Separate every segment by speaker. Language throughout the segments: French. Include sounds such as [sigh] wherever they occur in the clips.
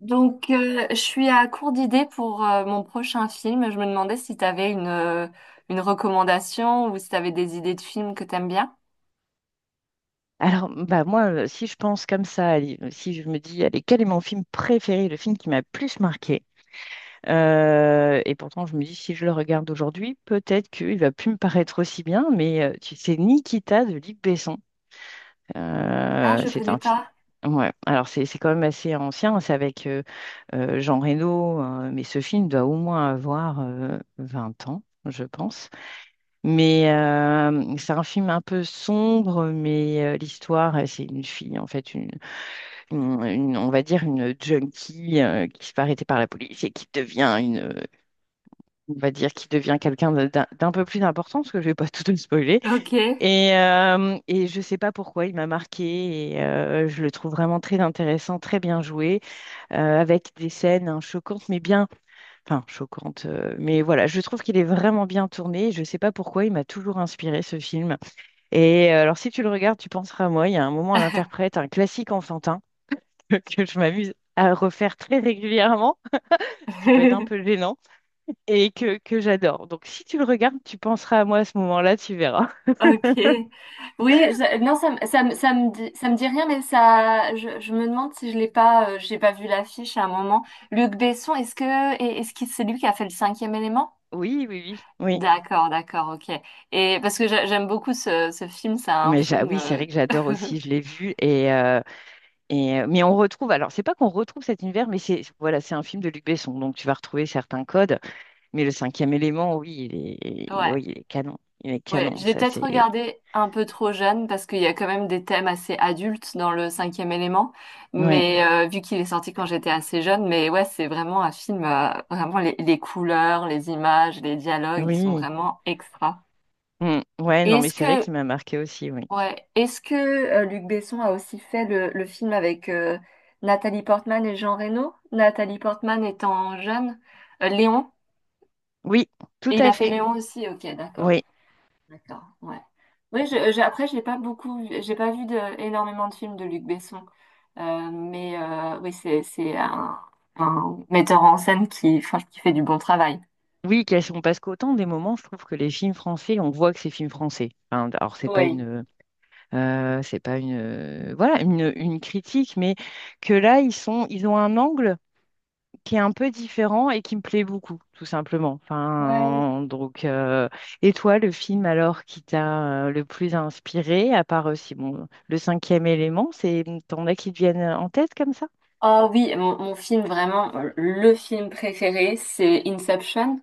Speaker 1: Je suis à court d'idées pour mon prochain film. Je me demandais si tu avais une recommandation ou si tu avais des idées de films que t'aimes bien.
Speaker 2: Alors, bah moi, si je pense comme ça, allez, si je me dis, allez, quel est mon film préféré, le film qui m'a le plus marqué, et pourtant je me dis, si je le regarde aujourd'hui, peut-être qu'il va plus me paraître aussi bien, mais tu sais, Nikita de Luc Besson.
Speaker 1: Ah, je
Speaker 2: C'est
Speaker 1: connais
Speaker 2: un film.
Speaker 1: pas.
Speaker 2: Ouais, alors c'est quand même assez ancien, c'est avec Jean Reno, mais ce film doit au moins avoir 20 ans, je pense. Mais c'est un film un peu sombre, mais l'histoire, c'est une fille, en fait, on va dire une junkie qui se fait arrêter par la police et qui devient on va dire, qui devient quelqu'un d'un peu plus important, parce que je vais pas [laughs] tout te spoiler.
Speaker 1: Ok.
Speaker 2: Et je sais pas pourquoi il m'a marqué et je le trouve vraiment très intéressant, très bien joué, avec des scènes hein, choquantes, mais bien, enfin choquantes, mais voilà, je trouve qu'il est vraiment bien tourné. Je sais pas pourquoi il m'a toujours inspiré ce film. Et alors, si tu le regardes, tu penseras à moi. Il y a un moment,
Speaker 1: [laughs]
Speaker 2: l'interprète, un classique enfantin [laughs] que je m'amuse à refaire très régulièrement, ce qui peut être un
Speaker 1: Ok.
Speaker 2: peu gênant, et que j'adore. Donc, si tu le regardes, tu penseras à moi à ce moment-là, tu verras. [laughs]
Speaker 1: Ok. Oui, non, ça me dit rien, mais ça, je me demande si je l'ai pas, j'ai pas vu l'affiche à un moment. Luc Besson, est-ce que c'est lui qui a fait le cinquième élément?
Speaker 2: Oui, oui, oui. Oui.
Speaker 1: D'accord, d'accord, ok. Et parce que j'aime beaucoup ce film, c'est un
Speaker 2: Mais
Speaker 1: film,
Speaker 2: oui, c'est vrai que j'adore aussi,
Speaker 1: [laughs]
Speaker 2: je l'ai vu. Mais on retrouve, alors c'est pas qu'on retrouve cet univers, mais c'est voilà, c'est un film de Luc Besson, donc tu vas retrouver certains codes. Mais le cinquième élément,
Speaker 1: ouais.
Speaker 2: oui, il est canon. Il est
Speaker 1: Ouais,
Speaker 2: canon,
Speaker 1: je l'ai
Speaker 2: ça c'est.
Speaker 1: peut-être regardé un peu trop jeune parce qu'il y a quand même des thèmes assez adultes dans le cinquième élément,
Speaker 2: Ouais,
Speaker 1: mais vu qu'il est sorti quand j'étais assez jeune, mais ouais, c'est vraiment un film, vraiment les couleurs, les images, les dialogues, ils sont
Speaker 2: oui.
Speaker 1: vraiment extra.
Speaker 2: Mm. Ouais,
Speaker 1: Et
Speaker 2: non, mais c'est vrai qu'il m'a marqué aussi, oui.
Speaker 1: ouais, est-ce que Luc Besson a aussi fait le film avec Nathalie Portman et Jean Reno? Nathalie Portman étant jeune. Léon,
Speaker 2: Oui, tout
Speaker 1: et il
Speaker 2: à
Speaker 1: a fait
Speaker 2: fait.
Speaker 1: Léon aussi, ok, d'accord.
Speaker 2: Oui,
Speaker 1: D'accord, ouais. Oui, après, j'ai pas beaucoup, j'ai pas vu de, énormément de films de Luc Besson. Mais oui, c'est un metteur en scène qui, enfin, qui fait du bon travail.
Speaker 2: oui, parce qu'autant des moments, je trouve que les films français, on voit que c'est films français. Enfin, alors,
Speaker 1: Oui.
Speaker 2: c'est pas une, voilà, une critique, mais que là, ils sont, ils ont un angle qui est un peu différent et qui me plaît beaucoup, tout simplement.
Speaker 1: Ouais.
Speaker 2: Enfin, donc, et toi, le film alors qui t'a le plus inspiré, à part aussi, bon, le cinquième élément, c'est, t'en as qui te viennent en tête comme ça?
Speaker 1: Oh oui, mon film vraiment, le film préféré, c'est Inception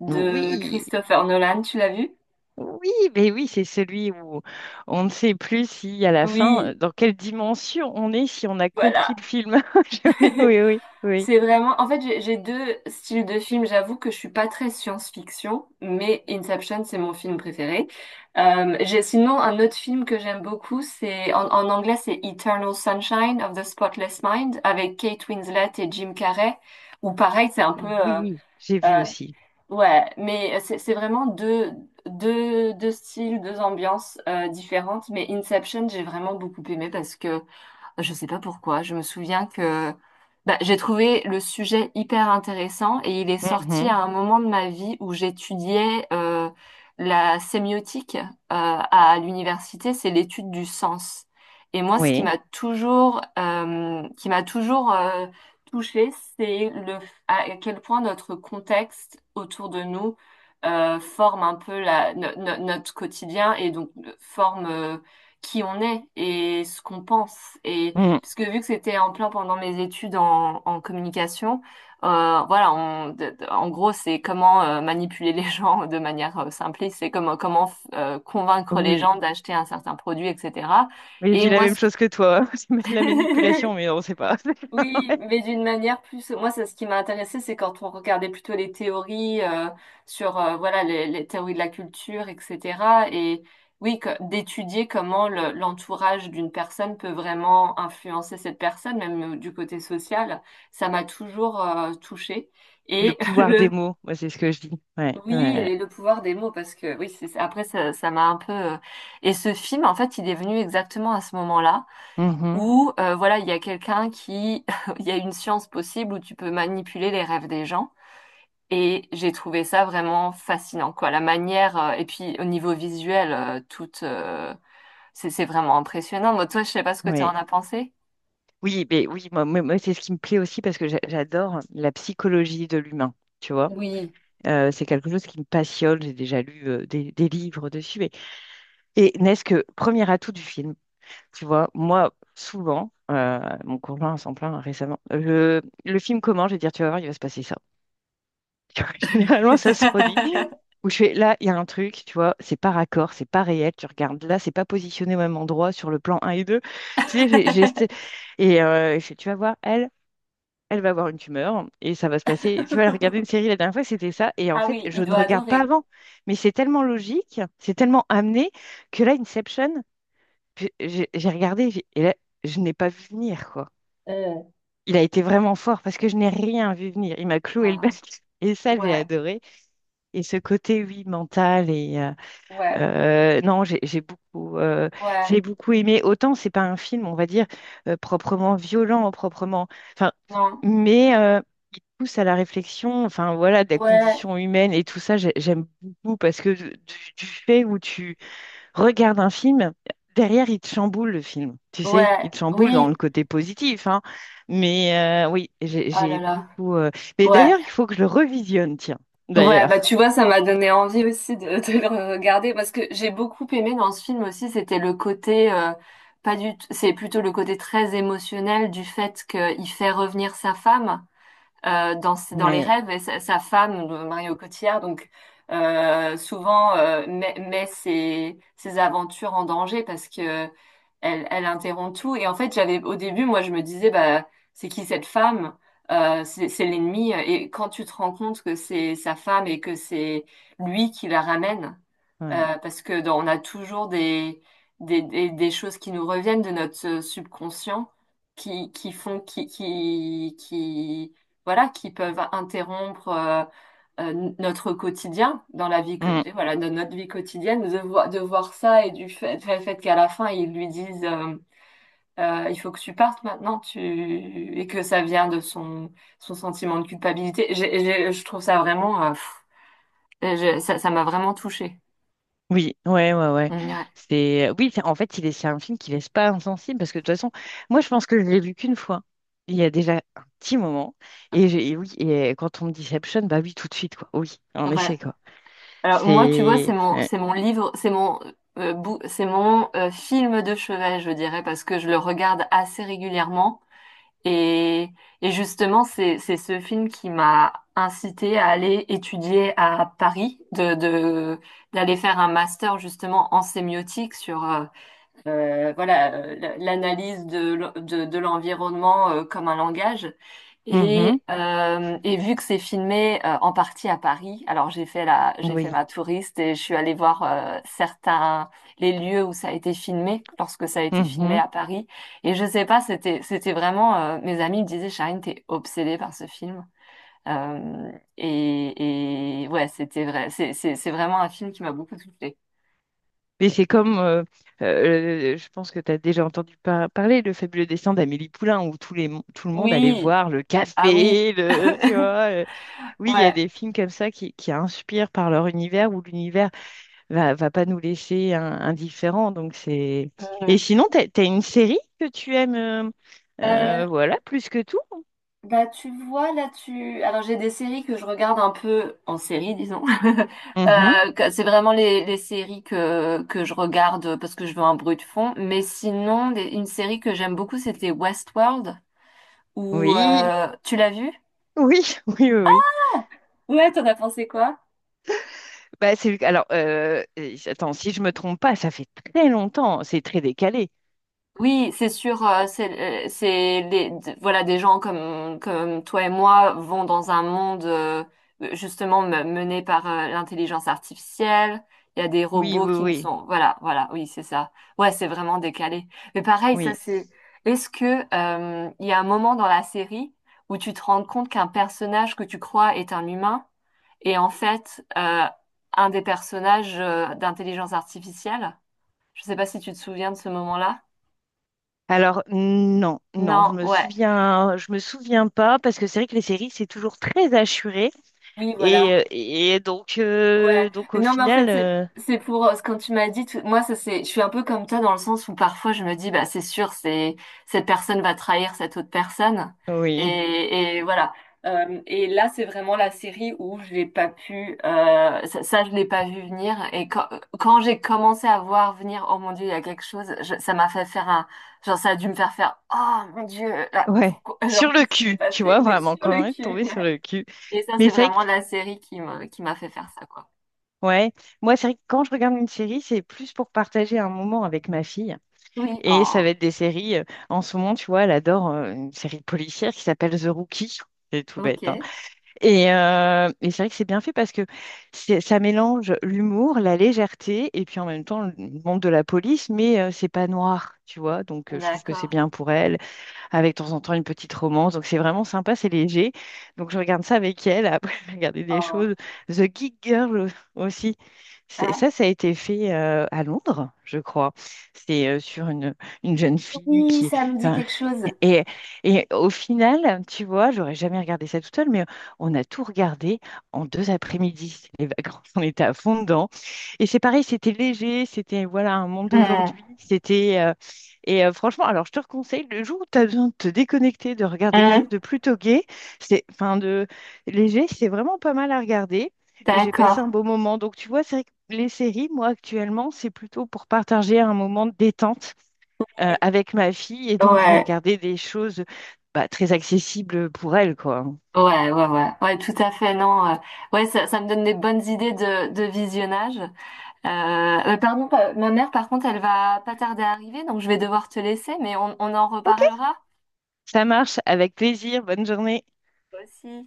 Speaker 1: de
Speaker 2: Oui.
Speaker 1: Christopher Nolan. Tu l'as vu?
Speaker 2: Oui, mais oui, c'est celui où on ne sait plus si à la fin,
Speaker 1: Oui,
Speaker 2: dans quelle dimension on est, si on a compris
Speaker 1: voilà.
Speaker 2: le film. [laughs] Je- Oui,
Speaker 1: [laughs]
Speaker 2: oui, oui, oui.
Speaker 1: C'est vraiment, en fait, j'ai deux styles de films. J'avoue que je suis pas très science-fiction, mais Inception, c'est mon film préféré. J'ai sinon un autre film que j'aime beaucoup, c'est en anglais, c'est Eternal Sunshine of the Spotless Mind avec Kate Winslet et Jim Carrey. Ou pareil, c'est un peu,
Speaker 2: Oui, j'ai vu
Speaker 1: euh,
Speaker 2: aussi.
Speaker 1: ouais, mais c'est vraiment deux styles, deux ambiances différentes. Mais Inception, j'ai vraiment beaucoup aimé parce que je sais pas pourquoi. Je me souviens que bah, j'ai trouvé le sujet hyper intéressant et il est sorti
Speaker 2: Mhm,
Speaker 1: à un moment de ma vie où j'étudiais la sémiotique à l'université, c'est l'étude du sens. Et moi, ce
Speaker 2: oui,
Speaker 1: qui m'a toujours touchée, c'est le à quel point notre contexte autour de nous forme un peu la, no- no- notre quotidien et donc forme qui on est et ce qu'on pense. Et
Speaker 2: mhm,
Speaker 1: parce que vu que c'était en plein pendant mes études en communication, voilà, en gros, c'est comment manipuler les [laughs] gens de manière simpliste, c'est comment convaincre les
Speaker 2: oui.
Speaker 1: gens d'acheter un certain produit, etc.
Speaker 2: Mais je
Speaker 1: Et
Speaker 2: dis la
Speaker 1: moi,
Speaker 2: même
Speaker 1: ce que...
Speaker 2: chose que toi. [laughs] C'est de la
Speaker 1: [laughs]
Speaker 2: manipulation, mais on sait pas. [laughs]
Speaker 1: Oui,
Speaker 2: Ouais.
Speaker 1: mais d'une manière plus. Moi, c'est ce qui m'a intéressé, c'est quand on regardait plutôt les théories sur voilà les théories de la culture, etc. Et oui, d'étudier comment l'entourage d'une personne peut vraiment influencer cette personne, même du côté social, ça m'a toujours touchée.
Speaker 2: Le
Speaker 1: Et [laughs]
Speaker 2: pouvoir des
Speaker 1: le
Speaker 2: mots, moi, c'est ce que je dis. Ouais,
Speaker 1: oui,
Speaker 2: ouais.
Speaker 1: et le pouvoir des mots, parce que oui, c'est après ça, ça m'a un peu. Et ce film, en fait, il est venu exactement à ce moment-là
Speaker 2: Mhm,
Speaker 1: où voilà, il y a quelqu'un qui, [laughs] il y a une science possible où tu peux manipuler les rêves des gens. Et j'ai trouvé ça vraiment fascinant, quoi. La manière, et puis au niveau visuel, toute, c'est vraiment impressionnant. Moi, toi, je sais pas ce que tu en as
Speaker 2: ouais.
Speaker 1: pensé.
Speaker 2: Oui, mais oui, moi, c'est ce qui me plaît aussi parce que j'adore la psychologie de l'humain, tu vois.
Speaker 1: Oui.
Speaker 2: C'est quelque chose qui me passionne. J'ai déjà lu des livres dessus. Et n'est-ce que premier atout du film, tu vois, moi, souvent, mon conjoint s'en plaint récemment, le film commence, je vais dire, tu vas voir, il va se passer ça. Tu vois, [laughs] généralement, ça se produit.
Speaker 1: [laughs]
Speaker 2: Où je fais, là, il y a un truc, tu vois, c'est pas raccord, c'est pas réel, tu regardes, là, c'est pas positionné au même endroit sur le plan un et deux. Tu sais, j'ai Et je fais, tu vas voir, elle, elle va avoir une tumeur et ça va se passer. Tu vois, elle regardait une série la dernière fois, c'était ça. Et en
Speaker 1: Ah
Speaker 2: fait,
Speaker 1: oui,
Speaker 2: je
Speaker 1: il
Speaker 2: ne
Speaker 1: doit
Speaker 2: regarde pas
Speaker 1: adorer.
Speaker 2: avant. Mais c'est tellement logique, c'est tellement amené que là, Inception, puis j'ai regardé et là, je n'ai pas vu venir, quoi.
Speaker 1: Euh,
Speaker 2: Il a été vraiment fort parce que je n'ai rien vu venir. Il m'a cloué le bec.
Speaker 1: Ah,
Speaker 2: [laughs] Et ça, j'ai
Speaker 1: ouais,
Speaker 2: adoré. Et ce côté, oui, mental et,
Speaker 1: ouais,
Speaker 2: non, j'ai beaucoup,
Speaker 1: ouais,
Speaker 2: j'ai beaucoup aimé. Autant c'est pas un film, on va dire, proprement violent, proprement. Enfin,
Speaker 1: non,
Speaker 2: mais il pousse à la réflexion. Enfin, voilà, des
Speaker 1: ouais,
Speaker 2: conditions humaines et tout ça, j'aime beaucoup parce que du fait où tu regardes un film, derrière, il te chamboule le film. Tu sais,
Speaker 1: ouais,
Speaker 2: il te chamboule
Speaker 1: oui,
Speaker 2: dans le côté positif, hein. Mais oui, j'ai
Speaker 1: oh là
Speaker 2: j'ai
Speaker 1: là,
Speaker 2: beaucoup. Mais
Speaker 1: ouais.
Speaker 2: d'ailleurs, il faut que je le revisionne, tiens.
Speaker 1: Ouais,
Speaker 2: D'ailleurs,
Speaker 1: bah tu vois, ça m'a donné envie aussi de le regarder parce que j'ai beaucoup aimé dans ce film aussi, c'était le côté pas du, t- c'est plutôt le côté très émotionnel du fait qu'il fait revenir sa femme dans les
Speaker 2: oui,
Speaker 1: rêves, et sa femme, Mario Cotillard, donc souvent met ses aventures en danger parce que elle interrompt tout. Et en fait, j'avais au début, moi, je me disais, bah, c'est qui cette femme? C'est l'ennemi. Et quand tu te rends compte que c'est sa femme et que c'est lui qui la ramène,
Speaker 2: oui.
Speaker 1: parce que on a toujours des choses qui nous reviennent de notre subconscient, qui font, voilà, qui peuvent interrompre notre quotidien dans la vie, voilà, dans notre vie quotidienne, de voir ça et du fait, fait qu'à la fin, ils lui disent il faut que tu partes maintenant, tu... et que ça vient de son sentiment de culpabilité. Je trouve ça vraiment, ça m'a vraiment touchée.
Speaker 2: Oui, ouais, ouais, ouais.
Speaker 1: Mm. Ouais.
Speaker 2: C'est oui, en fait, il est c'est un film qui laisse pas insensible parce que de toute façon, moi, je pense que je l'ai vu qu'une fois. Il y a déjà un petit moment et oui, et quand on me dit Inception, bah oui, tout de suite quoi. Oui, en
Speaker 1: Ouais.
Speaker 2: effet quoi.
Speaker 1: Alors moi, tu vois,
Speaker 2: C'est ouais.
Speaker 1: c'est mon livre, c'est mon film de chevet, je dirais, parce que je le regarde assez régulièrement. Et, et justement, c'est ce film qui m'a incité à aller étudier à Paris, d'aller faire un master justement en sémiotique sur voilà l'analyse de, l'environnement comme un langage.
Speaker 2: Mhm.
Speaker 1: Et vu que c'est filmé en partie à Paris, alors j'ai fait
Speaker 2: Oui.
Speaker 1: ma touriste et je suis allée voir certains les lieux où ça a été filmé lorsque ça a été filmé
Speaker 2: Mhm.
Speaker 1: à Paris. Et je sais pas, c'était vraiment mes amis me disaient, Charine, t'es obsédée par ce film. Euh, et ouais, c'était vrai. C'est vraiment un film qui m'a beaucoup touchée.
Speaker 2: Mais c'est comme je pense que tu as déjà entendu parler le fabuleux destin d'Amélie Poulain où tout le monde allait
Speaker 1: Oui,
Speaker 2: voir le
Speaker 1: ah oui,
Speaker 2: café, le tu
Speaker 1: [laughs]
Speaker 2: vois. Oui, il y a
Speaker 1: ouais.
Speaker 2: des films comme ça qui inspirent par leur univers ou l'univers va pas nous laisser indifférents. Donc c'est... Et
Speaker 1: Mm.
Speaker 2: sinon, t'as une série que tu aimes,
Speaker 1: Euh,
Speaker 2: voilà, plus que tout?
Speaker 1: Bah tu vois, là tu alors j'ai des séries que je regarde un peu en série, disons, [laughs]
Speaker 2: Mhm.
Speaker 1: c'est vraiment les séries que je regarde parce que je veux un bruit de fond. Mais sinon une série que j'aime beaucoup, c'était Westworld. Ou
Speaker 2: Oui,
Speaker 1: Tu l'as vue?
Speaker 2: oui, [laughs] oui, oui, oui.
Speaker 1: Ouais, t'en as pensé quoi?
Speaker 2: Bah, c'est, alors, attends, si je me trompe pas, ça fait très longtemps, c'est très décalé.
Speaker 1: Oui, c'est sûr, voilà des gens comme toi et moi vont dans un monde justement mené par l'intelligence artificielle. Il y a des
Speaker 2: Oui,
Speaker 1: robots
Speaker 2: oui,
Speaker 1: qui ne
Speaker 2: oui,
Speaker 1: sont, voilà voilà, oui c'est ça, ouais, c'est vraiment décalé. Mais pareil, ça
Speaker 2: oui.
Speaker 1: c'est est-ce que il y a un moment dans la série où tu te rends compte qu'un personnage que tu crois est un humain et en fait un des personnages d'intelligence artificielle? Je sais pas si tu te souviens de ce moment-là.
Speaker 2: Alors, non, non,
Speaker 1: Non, ouais.
Speaker 2: je me souviens pas, parce que c'est vrai que les séries, c'est toujours très assuré.
Speaker 1: Oui,
Speaker 2: Et,
Speaker 1: voilà.
Speaker 2: euh, et donc, euh,
Speaker 1: Ouais.
Speaker 2: donc
Speaker 1: Mais
Speaker 2: au
Speaker 1: non, mais en fait,
Speaker 2: final,
Speaker 1: c'est c'est pour ce que tu m'as dit. Moi, je suis un peu comme toi dans le sens où parfois je me dis, bah c'est sûr, c'est cette personne va trahir cette autre personne.
Speaker 2: oui.
Speaker 1: Et voilà. Et là, c'est vraiment la série où je l'ai pas pu, je l'ai pas vu venir. Et quand j'ai commencé à voir venir, oh mon Dieu, il y a quelque chose, ça m'a fait faire genre, ça a dû me faire faire, oh mon Dieu, là,
Speaker 2: Ouais,
Speaker 1: pourquoi, [laughs]
Speaker 2: sur
Speaker 1: genre,
Speaker 2: le
Speaker 1: qu'est-ce qui s'est
Speaker 2: cul, tu
Speaker 1: passé?
Speaker 2: vois,
Speaker 1: Oui,
Speaker 2: vraiment,
Speaker 1: sur
Speaker 2: quand
Speaker 1: le
Speaker 2: même
Speaker 1: cul.
Speaker 2: tombé sur le cul.
Speaker 1: Et ça,
Speaker 2: Mais
Speaker 1: c'est
Speaker 2: c'est vrai que,
Speaker 1: vraiment la série qui m'a fait faire ça, quoi.
Speaker 2: ouais, moi, c'est vrai que quand je regarde une série, c'est plus pour partager un moment avec ma fille.
Speaker 1: Oui,
Speaker 2: Et ça va
Speaker 1: oh,
Speaker 2: être des séries, en ce moment, tu vois, elle adore une série policière qui s'appelle The Rookie. C'est tout
Speaker 1: ok,
Speaker 2: bête, hein. Et c'est vrai que c'est bien fait parce que ça mélange l'humour, la légèreté et puis en même temps le monde de la police, mais c'est pas noir, tu vois. Donc je trouve que c'est
Speaker 1: d'accord.
Speaker 2: bien pour elle, avec de temps en temps une petite romance. Donc c'est vraiment sympa, c'est léger. Donc je regarde ça avec elle. Après, [laughs] je vais regarder des
Speaker 1: Oh,
Speaker 2: choses. The Geek Girl aussi. Ça,
Speaker 1: ah,
Speaker 2: ça a été fait à Londres, je crois. C'est sur une jeune fille
Speaker 1: oui,
Speaker 2: qui, est,
Speaker 1: ça me dit
Speaker 2: enfin,
Speaker 1: quelque chose.
Speaker 2: et, et au final, tu vois, j'aurais jamais regardé ça toute seule, mais on a tout regardé en deux après-midi. [laughs] C'était les vacances, [laughs] on était à fond dedans. Et c'est pareil, c'était léger, c'était voilà un monde
Speaker 1: Hmm,
Speaker 2: d'aujourd'hui. C'était et Franchement, alors je te conseille le jour où tu as besoin de te déconnecter, de regarder quelque
Speaker 1: hmm,
Speaker 2: chose de plutôt gai, c'est enfin de léger, c'est vraiment pas mal à regarder. Et j'ai passé
Speaker 1: d'accord.
Speaker 2: un beau moment. Donc tu vois, c'est vrai que les séries, moi actuellement, c'est plutôt pour partager un moment de détente avec ma fille et donc je vais
Speaker 1: Ouais,
Speaker 2: regarder des choses bah, très accessibles pour elle, quoi.
Speaker 1: ouais, ouais, ouais, ouais, tout à fait, non. Ouais, ça me donne des bonnes idées de visionnage. Euh, Pardon, ma mère, par contre, elle va pas tarder à arriver, donc je vais devoir te laisser. Mais on en
Speaker 2: Ok,
Speaker 1: reparlera.
Speaker 2: ça marche, avec plaisir. Bonne journée.
Speaker 1: Toi aussi.